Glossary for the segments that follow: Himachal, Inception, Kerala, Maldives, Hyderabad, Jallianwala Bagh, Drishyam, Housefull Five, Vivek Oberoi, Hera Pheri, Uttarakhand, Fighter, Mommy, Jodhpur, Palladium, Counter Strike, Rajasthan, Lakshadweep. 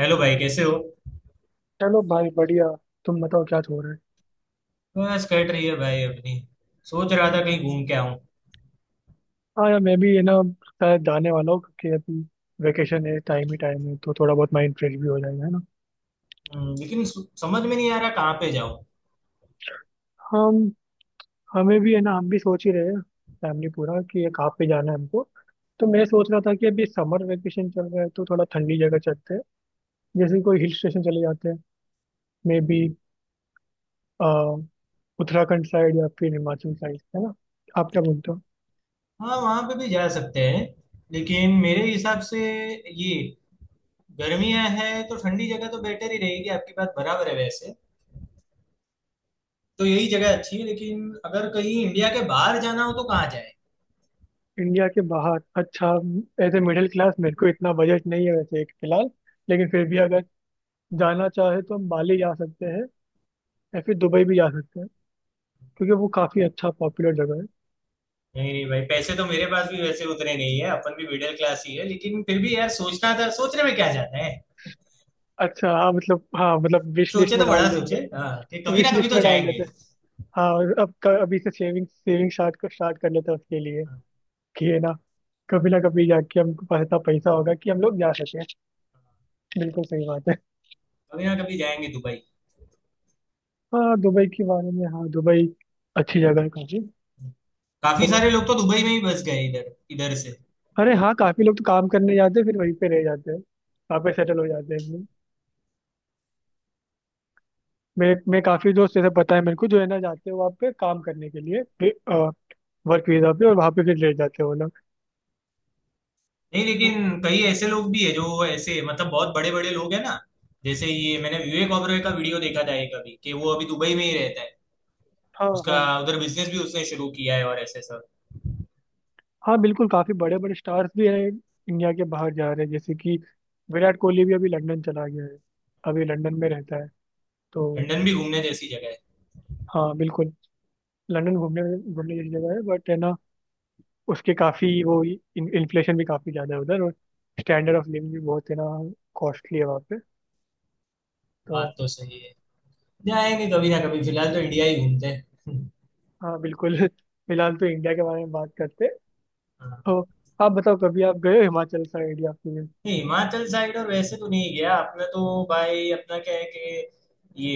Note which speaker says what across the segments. Speaker 1: Hello भाई कैसे हो।
Speaker 2: चलो भाई बढ़िया। तुम बताओ क्या हो रहा है?
Speaker 1: बस कट रही है भाई अपनी। सोच रहा था कहीं घूम के आऊं।
Speaker 2: हाँ यार, मैं भी है ना शायद जाने वाला हूँ क्योंकि अभी वेकेशन है, टाइम ही टाइम है तो थोड़ा बहुत माइंड फ्रेश भी हो जाएगा है ना।
Speaker 1: लेकिन समझ में नहीं आ रहा कहाँ पे जाऊं।
Speaker 2: हम हमें भी है ना, हम भी सोच ही रहे हैं फैमिली पूरा कि ये कहाँ पे जाना है हमको। तो मैं सोच रहा था कि अभी समर वेकेशन चल रहा है तो थोड़ा ठंडी जगह चलते हैं। जैसे कोई हिल स्टेशन चले जाते हैं, मे बी उत्तराखंड साइड या फिर हिमाचल साइड, है ना? आप क्या बोलते हो?
Speaker 1: हाँ वहां पे भी जा सकते हैं, लेकिन मेरे हिसाब से ये गर्मियां है तो ठंडी जगह तो बेटर ही रहेगी। आपकी बात बराबर है वैसे, तो यही जगह अच्छी है लेकिन अगर कहीं इंडिया के बाहर जाना हो तो कहाँ जाए।
Speaker 2: इंडिया के बाहर, अच्छा। एज ए मिडिल क्लास मेरे को इतना बजट नहीं है वैसे एक फिलहाल। लेकिन फिर भी अगर जाना चाहे तो हम बाली जा सकते हैं या फिर दुबई भी जा सकते हैं क्योंकि वो काफ़ी अच्छा पॉपुलर जगह है।
Speaker 1: नहीं नहीं भाई, पैसे तो मेरे पास भी वैसे उतने नहीं है, अपन भी मिडिल क्लास ही है, लेकिन फिर भी यार सोचना था, सोचने में क्या जाता है।
Speaker 2: अच्छा हाँ, मतलब हाँ, मतलब विश लिस्ट
Speaker 1: सोचे तो
Speaker 2: में
Speaker 1: बड़ा
Speaker 2: डाल
Speaker 1: सोचे,
Speaker 2: देंगे।
Speaker 1: हाँ, कि कभी
Speaker 2: विश
Speaker 1: ना कभी
Speaker 2: लिस्ट
Speaker 1: तो
Speaker 2: में डाल देते
Speaker 1: जाएंगे।
Speaker 2: हैं हाँ। और अब अभी से सेविंग सेविंग स्टार्ट कर लेते हैं उसके लिए कि है ना कभी जाके हमको पास इतना पैसा होगा कि हम लोग जा सकें। बिल्कुल सही बात है।
Speaker 1: कभी ना कभी जाएंगे दुबई।
Speaker 2: हाँ दुबई के बारे में, हाँ दुबई अच्छी जगह है काफ़ी।
Speaker 1: काफी
Speaker 2: तो
Speaker 1: सारे लोग तो दुबई में ही बस गए इधर इधर से।
Speaker 2: अरे हाँ, काफी लोग तो काम करने जाते हैं फिर वहीं पे रह जाते हैं वहाँ पे सेटल हो जाते हैं एकदम। मेरे मैं काफी दोस्त जैसे पता है मेरे को जो है ना जाते हैं वहाँ पे काम करने के लिए वर्क वीजा पे, और वहाँ पे फिर रह जाते हैं वो लोग।
Speaker 1: नहीं, लेकिन कई ऐसे लोग भी है जो ऐसे मतलब बहुत बड़े बड़े लोग है ना, जैसे ये मैंने विवेक ओबरॉय का वीडियो देखा था एक अभी कि वो अभी दुबई में ही रहता है।
Speaker 2: हाँ
Speaker 1: उसका
Speaker 2: हाँ।
Speaker 1: उधर बिजनेस भी उसने शुरू किया है और ऐसे सब।
Speaker 2: हाँ बिल्कुल, काफी बड़े बड़े स्टार्स भी हैं इंडिया के बाहर जा रहे हैं, जैसे कि विराट कोहली भी अभी लंदन चला गया है, अभी लंदन में रहता है तो।
Speaker 1: लंदन भी घूमने जैसी जगह है।
Speaker 2: हाँ बिल्कुल, लंदन घूमने, घूमने जैसी जगह है बट है ना, उसके काफी वो इन्फ्लेशन भी काफी ज्यादा है उधर, और स्टैंडर्ड ऑफ लिविंग भी बहुत है ना, कॉस्टली है वहाँ पे
Speaker 1: बात
Speaker 2: तो।
Speaker 1: तो सही है, जाएंगे कभी ना कभी, फिलहाल तो इंडिया ही घूमते हैं।
Speaker 2: हाँ बिल्कुल फिलहाल तो इंडिया के बारे में बात करते हैं।
Speaker 1: हाँ।
Speaker 2: तो आप बताओ कभी आप गए हो हिमाचल साइड या फिर?
Speaker 1: नहीं हिमाचल साइड और वैसे तो नहीं गया अपना, तो भाई अपना क्या है कि ये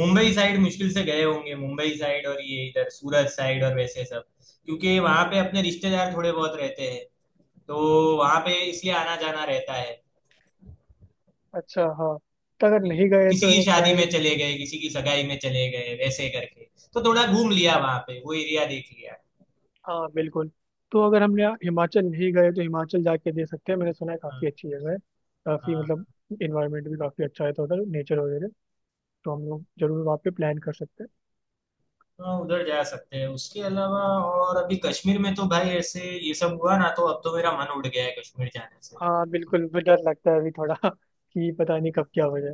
Speaker 1: मुंबई साइड मुश्किल से गए होंगे, मुंबई साइड और ये इधर सूरत साइड और वैसे सब, क्योंकि वहां पे अपने रिश्तेदार थोड़े बहुत रहते हैं, तो वहां पे इसलिए आना जाना रहता है।
Speaker 2: अच्छा हाँ। तो अगर
Speaker 1: कि-
Speaker 2: नहीं गए
Speaker 1: किसी
Speaker 2: तो है
Speaker 1: की
Speaker 2: ना
Speaker 1: शादी में
Speaker 2: शायद।
Speaker 1: चले गए, किसी की सगाई में चले गए वैसे करके, तो थोड़ा घूम लिया वहां पे, वो एरिया देख लिया।
Speaker 2: हाँ बिल्कुल। तो अगर हमने यहाँ हिमाचल नहीं गए तो हिमाचल जाके दे सकते हैं, मैंने सुना है काफ़ी
Speaker 1: हाँ।
Speaker 2: अच्छी जगह है। काफ़ी
Speaker 1: हाँ,
Speaker 2: मतलब इन्वायरमेंट भी काफ़ी अच्छा है तो उधर नेचर वगैरह, तो हम लोग जरूर वहाँ पे प्लान कर सकते हैं।
Speaker 1: हाँ, उधर जा सकते हैं उसके अलावा। और अभी कश्मीर में तो भाई ऐसे ये सब हुआ ना, तो अब तो मेरा मन उड़ गया है कश्मीर जाने से।
Speaker 2: हाँ बिल्कुल, मुझे डर लगता है अभी थोड़ा कि पता नहीं कब क्या हो जाए।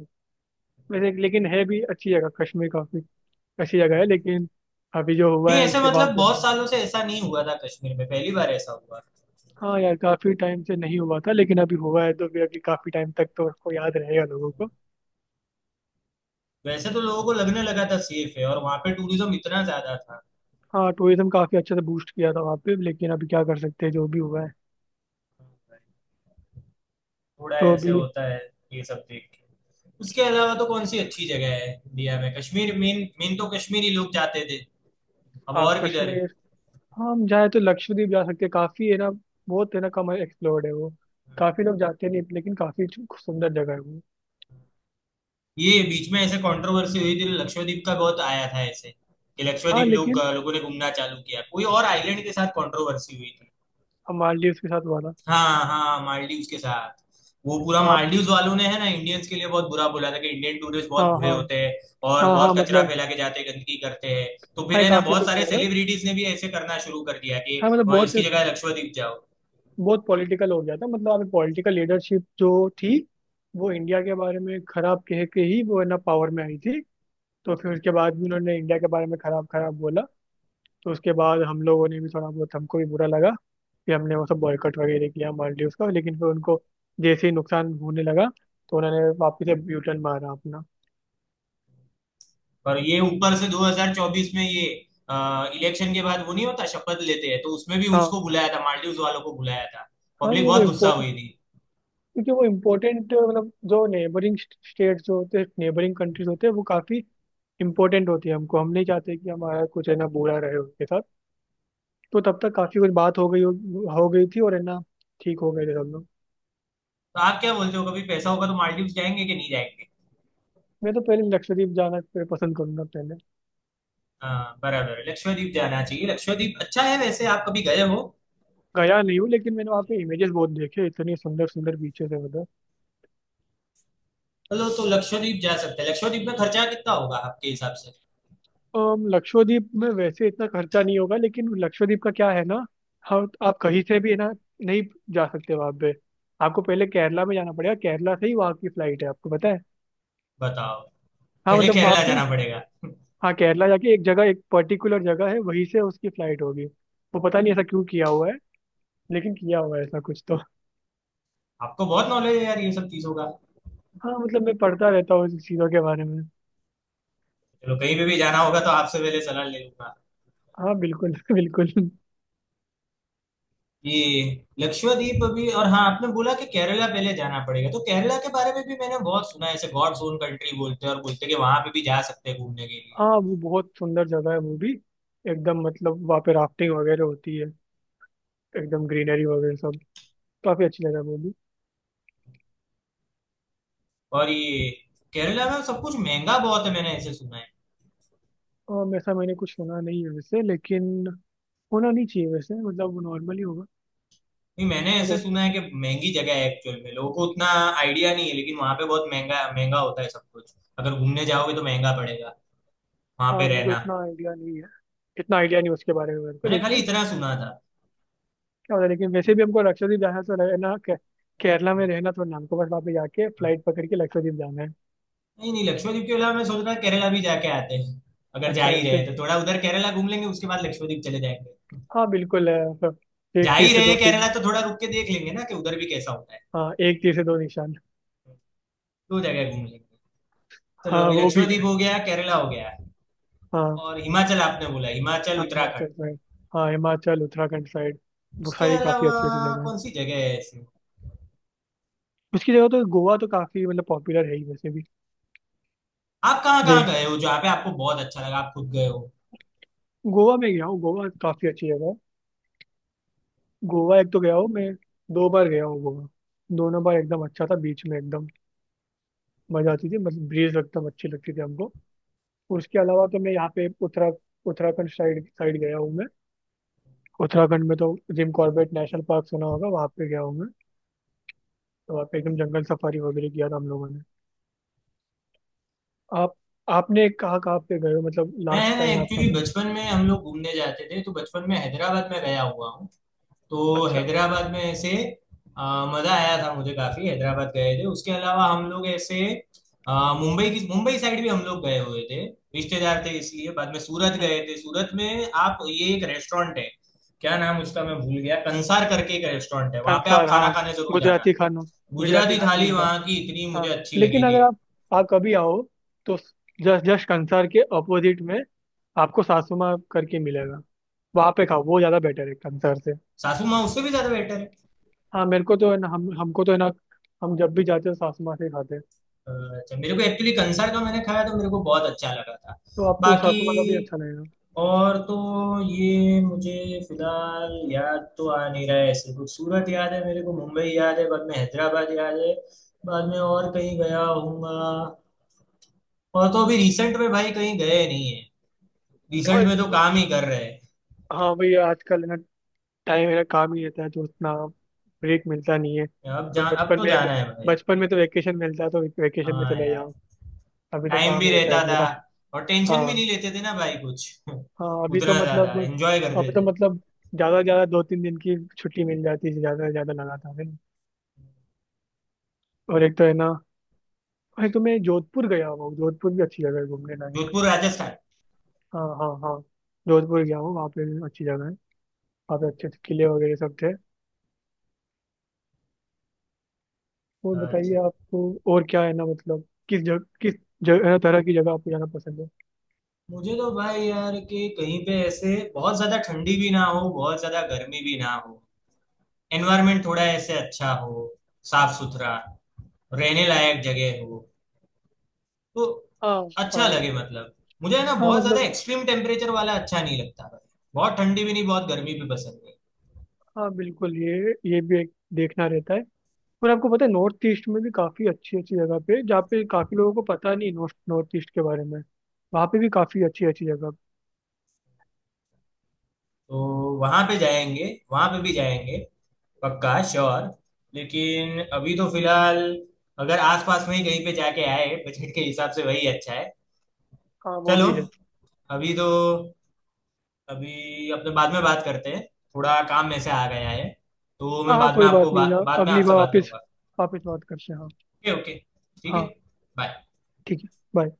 Speaker 2: वैसे लेकिन है भी अच्छी जगह कश्मीर, काफ़ी अच्छी जगह है
Speaker 1: हाँ।
Speaker 2: लेकिन अभी जो हुआ
Speaker 1: नहीं
Speaker 2: है
Speaker 1: ऐसा
Speaker 2: उसके बाद
Speaker 1: मतलब
Speaker 2: से।
Speaker 1: बहुत सालों से ऐसा नहीं हुआ था कश्मीर में, पहली बार ऐसा हुआ।
Speaker 2: हाँ यार काफी टाइम से नहीं हुआ था लेकिन अभी हुआ है, तो फिर अभी काफी टाइम तक तो उसको याद रहेगा लोगों को।
Speaker 1: वैसे तो लोगों को लगने लगा था सेफ है और वहां पे टूरिज्म इतना ज्यादा था।
Speaker 2: हाँ टूरिज्म काफी अच्छे से बूस्ट किया था वहाँ पे, लेकिन अभी क्या कर सकते हैं जो भी हुआ है
Speaker 1: थोड़ा
Speaker 2: तो
Speaker 1: ऐसे
Speaker 2: अभी।
Speaker 1: होता है ये सब देख के। उसके अलावा तो कौन सी अच्छी जगह है इंडिया में, कश्मीर मेन मेन तो कश्मीर ही लोग जाते थे, अब
Speaker 2: हाँ
Speaker 1: और किधर है।
Speaker 2: कश्मीर। हाँ हम जाए तो लक्षद्वीप जा सकते हैं, काफी है ना, बहुत है ना, कम एक्सप्लोर्ड है वो, काफी लोग जाते नहीं लेकिन काफी सुंदर जगह है वो।
Speaker 1: ये बीच में ऐसे कंट्रोवर्सी हुई थी तो लक्षद्वीप का बहुत आया था ऐसे, कि
Speaker 2: हाँ
Speaker 1: लक्षद्वीप लोग
Speaker 2: लेकिन
Speaker 1: लोगों ने घूमना चालू किया, कोई और आइलैंड के साथ कंट्रोवर्सी हुई थी।
Speaker 2: मालदीव के साथ हुआ था।
Speaker 1: हाँ हाँ, मालदीव्स के साथ। वो पूरा
Speaker 2: हाँ
Speaker 1: मालदीव्स वालों ने है ना इंडियंस के लिए बहुत बुरा बोला था कि इंडियन टूरिस्ट
Speaker 2: हाँ।
Speaker 1: बहुत बुरे
Speaker 2: हाँ
Speaker 1: होते हैं और
Speaker 2: हाँ हाँ,
Speaker 1: बहुत कचरा
Speaker 2: मतलब।
Speaker 1: फैला के जाते हैं, गंदगी करते हैं। तो
Speaker 2: हाँ
Speaker 1: फिर
Speaker 2: ये
Speaker 1: है ना
Speaker 2: काफी
Speaker 1: बहुत
Speaker 2: कुछ
Speaker 1: सारे
Speaker 2: हुआ था।
Speaker 1: सेलिब्रिटीज ने भी ऐसे करना शुरू कर दिया कि
Speaker 2: हाँ मतलब
Speaker 1: वहाँ
Speaker 2: बहुत,
Speaker 1: इसकी जगह लक्षद्वीप जाओ।
Speaker 2: बहुत पॉलिटिकल हो गया था, मतलब अभी पॉलिटिकल लीडरशिप जो थी वो इंडिया के बारे में खराब कह के ही वो है ना पावर में आई थी। तो फिर उसके बाद भी उन्होंने इंडिया के बारे में खराब खराब बोला, तो उसके बाद हम लोगों ने भी थोड़ा बहुत, हमको भी बुरा लगा कि हमने वो सब बॉयकॉट वगैरह किया मालदीव का, लेकिन फिर उनको जैसे ही नुकसान होने लगा तो उन्होंने वापस से यू टर्न मारा अपना।
Speaker 1: पर ये ऊपर से 2024 में ये इलेक्शन के बाद वो नहीं होता शपथ लेते हैं तो उसमें भी
Speaker 2: हाँ
Speaker 1: उसको बुलाया था, मालदीव्स वालों को बुलाया था,
Speaker 2: हाँ,
Speaker 1: पब्लिक
Speaker 2: ये वो
Speaker 1: बहुत गुस्सा
Speaker 2: इम्पोर्टेंट,
Speaker 1: हुई थी।
Speaker 2: क्योंकि वो इम्पोर्टेंट मतलब जो नेबरिंग स्टेट्स जो होते हैं, नेबरिंग कंट्रीज होते हैं, वो काफ़ी इम्पोर्टेंट होती है हमको, हम नहीं चाहते कि हमारा कुछ है ना बुरा रहे उसके साथ। तो तब तक काफी कुछ बात हो गई थी, और है ना ठीक हो गए थे सब लोग।
Speaker 1: तो आप क्या बोलते हो, कभी पैसा होगा तो मालदीव्स जाएंगे कि नहीं जाएंगे।
Speaker 2: मैं तो पहले लक्षद्वीप जाना पसंद करूंगा पहले।
Speaker 1: हाँ बराबर, लक्षद्वीप जाना चाहिए, लक्षद्वीप अच्छा है वैसे, आप कभी गए हो।
Speaker 2: गया नहीं हूँ लेकिन मैंने वहाँ पे इमेजेस बहुत देखे, इतनी सुंदर सुंदर बीचेस है उधर।
Speaker 1: चलो तो लक्षद्वीप जा सकते हैं, लक्षद्वीप में खर्चा कितना होगा आपके हिसाब से,
Speaker 2: लक्षद्वीप में वैसे इतना खर्चा नहीं होगा, लेकिन लक्षद्वीप का क्या है ना, हम आप कहीं से भी है ना नहीं जा सकते वहाँ पे। आपको पहले केरला में जाना पड़ेगा, केरला से ही वहाँ की फ्लाइट है आपको पता है।
Speaker 1: बताओ।
Speaker 2: हाँ
Speaker 1: पहले
Speaker 2: मतलब वहाँ
Speaker 1: केरला
Speaker 2: पे।
Speaker 1: जाना पड़ेगा।
Speaker 2: हाँ केरला जाके एक जगह, एक पर्टिकुलर जगह है वहीं से उसकी फ्लाइट होगी, वो पता नहीं ऐसा क्यों किया हुआ है लेकिन किया हुआ है ऐसा कुछ तो।
Speaker 1: आपको बहुत नॉलेज है यार ये सब चीजों का।
Speaker 2: हाँ मतलब मैं पढ़ता रहता हूँ इस चीज़ों के बारे में।
Speaker 1: चलो कहीं पे भी जाना होगा तो आपसे पहले सलाह ले लूंगा।
Speaker 2: हाँ बिल्कुल बिल्कुल।
Speaker 1: ये लक्षद्वीप अभी, और हाँ आपने बोला कि केरला पहले जाना पड़ेगा, तो केरला के बारे में भी मैंने बहुत सुना है ऐसे, गॉड्स ओन कंट्री बोलते हैं, और बोलते हैं कि वहां पे भी जा सकते हैं घूमने के लिए।
Speaker 2: हाँ वो बहुत सुंदर जगह है वो भी, एकदम मतलब वहाँ पे राफ्टिंग वगैरह होती है, एकदम ग्रीनरी वगैरह सब, काफ़ी अच्छी जगह है वो भी।
Speaker 1: और ये केरला में सब कुछ महंगा बहुत है मैंने ऐसे सुना है।
Speaker 2: और ऐसा मैंने कुछ सुना नहीं है वैसे, लेकिन होना नहीं चाहिए वैसे, मतलब वो नॉर्मली होगा।
Speaker 1: नहीं मैंने
Speaker 2: मेरे को
Speaker 1: ऐसे सुना है
Speaker 2: इतना।
Speaker 1: कि महंगी जगह है, एक्चुअल में लोगों को उतना आइडिया नहीं है, लेकिन वहां पे बहुत महंगा महंगा होता है सब कुछ, अगर घूमने जाओगे तो महंगा पड़ेगा वहां पे
Speaker 2: हाँ मेरे को
Speaker 1: रहना।
Speaker 2: इतना आइडिया नहीं है, इतना आइडिया नहीं उसके बारे में मेरे को,
Speaker 1: मैंने खाली
Speaker 2: लेकिन
Speaker 1: इतना सुना था।
Speaker 2: क्या होता है। लेकिन वैसे भी हमको लक्षद्वीप जाना तो केरला में रहना तो नाम को, बस वहाँ पे जाके
Speaker 1: हाँ।
Speaker 2: फ्लाइट पकड़ के लक्षद्वीप जाना है।
Speaker 1: नहीं नहीं, लक्षद्वीप के अलावा मैं सोच रहा था केरला भी जाके आते हैं, अगर जा
Speaker 2: अच्छा
Speaker 1: ही
Speaker 2: ऐसे।
Speaker 1: रहे तो थोड़ा उधर केरला घूम लेंगे, उसके बाद लक्षद्वीप चले जाएंगे।
Speaker 2: हाँ बिल्कुल है, मतलब
Speaker 1: जा
Speaker 2: एक तीर
Speaker 1: ही
Speaker 2: से
Speaker 1: रहे
Speaker 2: दो तीर।
Speaker 1: केरला तो थोड़ा रुक के देख लेंगे ना कि उधर भी कैसा होता है,
Speaker 2: हाँ एक तीर से दो निशान।
Speaker 1: दो जगह घूम लेंगे। चलो,
Speaker 2: हाँ
Speaker 1: अभी
Speaker 2: वो भी
Speaker 1: लक्षद्वीप
Speaker 2: है।
Speaker 1: हो गया, केरला हो गया,
Speaker 2: हाँ
Speaker 1: और हिमाचल आपने बोला, हिमाचल
Speaker 2: हाँ हिमाचल
Speaker 1: उत्तराखंड।
Speaker 2: साइड। हाँ हिमाचल उत्तराखंड साइड, वो
Speaker 1: उसके
Speaker 2: सारी काफी
Speaker 1: अलावा
Speaker 2: अच्छी अच्छी जगह है।
Speaker 1: कौन सी जगह है ऐसी।
Speaker 2: उसकी जगह तो गोवा तो काफी मतलब पॉपुलर है ही वैसे भी।
Speaker 1: आप कहाँ कहाँ
Speaker 2: दे
Speaker 1: गए हो जहाँ पे आपको बहुत अच्छा लगा, आप खुद गए हो।
Speaker 2: गोवा में गया हूँ, गोवा काफी अच्छी जगह है। गोवा एक तो गया हूँ मैं, दो बार गया हूँ गोवा। दोनों बार एकदम अच्छा था, बीच में एकदम मजा आती थी, मतलब ब्रीज एकदम अच्छी लगती थी हमको। उसके अलावा तो मैं यहाँ पे उत्तराखंड साइड साइड गया हूँ मैं। उत्तराखंड में तो जिम कॉर्बेट नेशनल पार्क सुना होगा, वहाँ पे गया हूँ मैं। तो वहाँ पे एकदम जंगल सफारी वगैरह किया था हम लोगों ने। आप आपने कहाँ कहाँ पे गए हो, मतलब लास्ट
Speaker 1: मैं ना
Speaker 2: टाइम आपका
Speaker 1: एक्चुअली
Speaker 2: कोई?
Speaker 1: बचपन में हम लोग घूमने जाते थे, तो बचपन में हैदराबाद में गया हुआ हूँ, तो
Speaker 2: अच्छा।
Speaker 1: हैदराबाद में ऐसे अ, मजा आया था मुझे काफी, हैदराबाद गए थे। उसके अलावा हम लोग ऐसे अ, मुंबई की, मुंबई साइड भी हम लोग गए हुए थे, रिश्तेदार थे इसलिए। बाद में सूरत
Speaker 2: हम्म,
Speaker 1: गए थे, सूरत में आप, ये एक रेस्टोरेंट है, क्या नाम उसका मैं भूल गया, कंसार करके एक रेस्टोरेंट है, वहां पे आप
Speaker 2: कंसार
Speaker 1: खाना
Speaker 2: हाँ,
Speaker 1: खाने जरूर जाना,
Speaker 2: गुजराती खाना, गुजराती
Speaker 1: गुजराती
Speaker 2: खाना
Speaker 1: थाली
Speaker 2: मिलता है।
Speaker 1: वहां की इतनी मुझे
Speaker 2: हाँ
Speaker 1: अच्छी लगी
Speaker 2: लेकिन
Speaker 1: थी।
Speaker 2: अगर आप, आप कभी आओ तो जस्ट जस्ट कंसार के अपोजिट में आपको सासुमा करके मिलेगा, वहाँ पे खाओ, वो ज़्यादा बेटर है कंसार से।
Speaker 1: सासू माँ उससे भी ज्यादा बेटर है?
Speaker 2: हाँ मेरे को तो है ना, हम हमको तो है ना हम जब भी जाते हैं सासू माँ से ही खाते हैं।
Speaker 1: अच्छा, मेरे को एक्चुअली कंसर का मैंने खाया तो मेरे को बहुत अच्छा लगा था।
Speaker 2: तो आपको
Speaker 1: बाकी
Speaker 2: सासू माँ का भी अच्छा लगेगा।
Speaker 1: और तो ये मुझे फिलहाल याद तो आ नहीं रहा है ऐसे कुछ, सूरत याद है मेरे को, मुंबई याद है, बाद में हैदराबाद याद है, बाद में और कहीं गया हूँगा। और तो अभी रिसेंट में भाई कहीं गए नहीं है,
Speaker 2: और
Speaker 1: रिसेंट
Speaker 2: एक
Speaker 1: में तो
Speaker 2: तो
Speaker 1: काम ही कर रहे हैं।
Speaker 2: हाँ भाई आजकल है ना टाइम, है ना काम ही रहता है तो उतना ब्रेक मिलता नहीं है
Speaker 1: अब
Speaker 2: तो
Speaker 1: जान, अब
Speaker 2: बचपन
Speaker 1: तो
Speaker 2: में,
Speaker 1: जाना है भाई।
Speaker 2: बचपन में तो वेकेशन मिलता है तो वेकेशन में
Speaker 1: हाँ
Speaker 2: चले
Speaker 1: यार,
Speaker 2: जाओ। अभी तो
Speaker 1: टाइम
Speaker 2: काम
Speaker 1: भी
Speaker 2: रहता है
Speaker 1: रहता था
Speaker 2: पूरा।
Speaker 1: और टेंशन भी
Speaker 2: हाँ
Speaker 1: नहीं लेते थे ना भाई कुछ
Speaker 2: हाँ, अभी तो
Speaker 1: उतना ज्यादा
Speaker 2: मतलब,
Speaker 1: एंजॉय करते
Speaker 2: अभी तो
Speaker 1: थे।
Speaker 2: मतलब ज़्यादा से ज़्यादा दो तीन दिन की छुट्टी मिल जाती है, ज़्यादा से ज़्यादा लगातार है ना। और एक तो है ना, और एक तो मैं जोधपुर गया हुआ हूँ, जोधपुर भी अच्छी जगह है घूमने लायक।
Speaker 1: जोधपुर राजस्थान?
Speaker 2: हाँ हाँ हाँ। जोधपुर गया हूँ, वहाँ पे भी अच्छी जगह है, वहाँ पे अच्छे अच्छे किले वगैरह सब थे। और बताइए
Speaker 1: अच्छा।
Speaker 2: आपको, और क्या है ना, मतलब किस जगह तरह की जगह आपको जाना पसंद है?
Speaker 1: मुझे तो भाई यार कि कहीं पे ऐसे बहुत ज्यादा ठंडी भी ना हो, बहुत ज्यादा गर्मी भी ना हो, एनवायरमेंट थोड़ा ऐसे अच्छा हो, साफ सुथरा, रहने लायक जगह हो, तो
Speaker 2: हाँ
Speaker 1: अच्छा
Speaker 2: हाँ
Speaker 1: लगे मतलब। मुझे है ना
Speaker 2: हाँ,
Speaker 1: बहुत ज्यादा
Speaker 2: मतलब
Speaker 1: एक्सट्रीम टेम्परेचर वाला अच्छा नहीं लगता भाई, बहुत ठंडी भी नहीं, बहुत गर्मी भी पसंद नहीं।
Speaker 2: हाँ बिल्कुल, ये भी एक देखना रहता है। और आपको पता है नॉर्थ ईस्ट में भी काफ़ी अच्छी अच्छी जगह पे, जहाँ पे काफ़ी लोगों को पता नहीं नॉर्थ नॉर्थ ईस्ट के बारे में, वहाँ पे भी काफ़ी अच्छी अच्छी जगह।
Speaker 1: तो वहां पे जाएंगे, वहां पे भी जाएंगे, पक्का श्योर, लेकिन अभी तो फिलहाल अगर आसपास में ही कहीं पे जाके आए बजट के हिसाब से वही अच्छा है।
Speaker 2: हाँ वो
Speaker 1: चलो,
Speaker 2: भी है।
Speaker 1: अभी तो, अभी अपने बाद में बात करते हैं, थोड़ा काम में से आ गया है, तो
Speaker 2: हाँ
Speaker 1: मैं
Speaker 2: हाँ
Speaker 1: बाद में
Speaker 2: कोई
Speaker 1: आपको
Speaker 2: बात नहीं यार,
Speaker 1: बाद में
Speaker 2: अगली
Speaker 1: आपसे
Speaker 2: बार
Speaker 1: बात
Speaker 2: वापस,
Speaker 1: करूंगा।
Speaker 2: बात करते हैं हाँ।
Speaker 1: ओके ओके, ठीक है,
Speaker 2: हाँ
Speaker 1: बाय।
Speaker 2: ठीक है, बाय।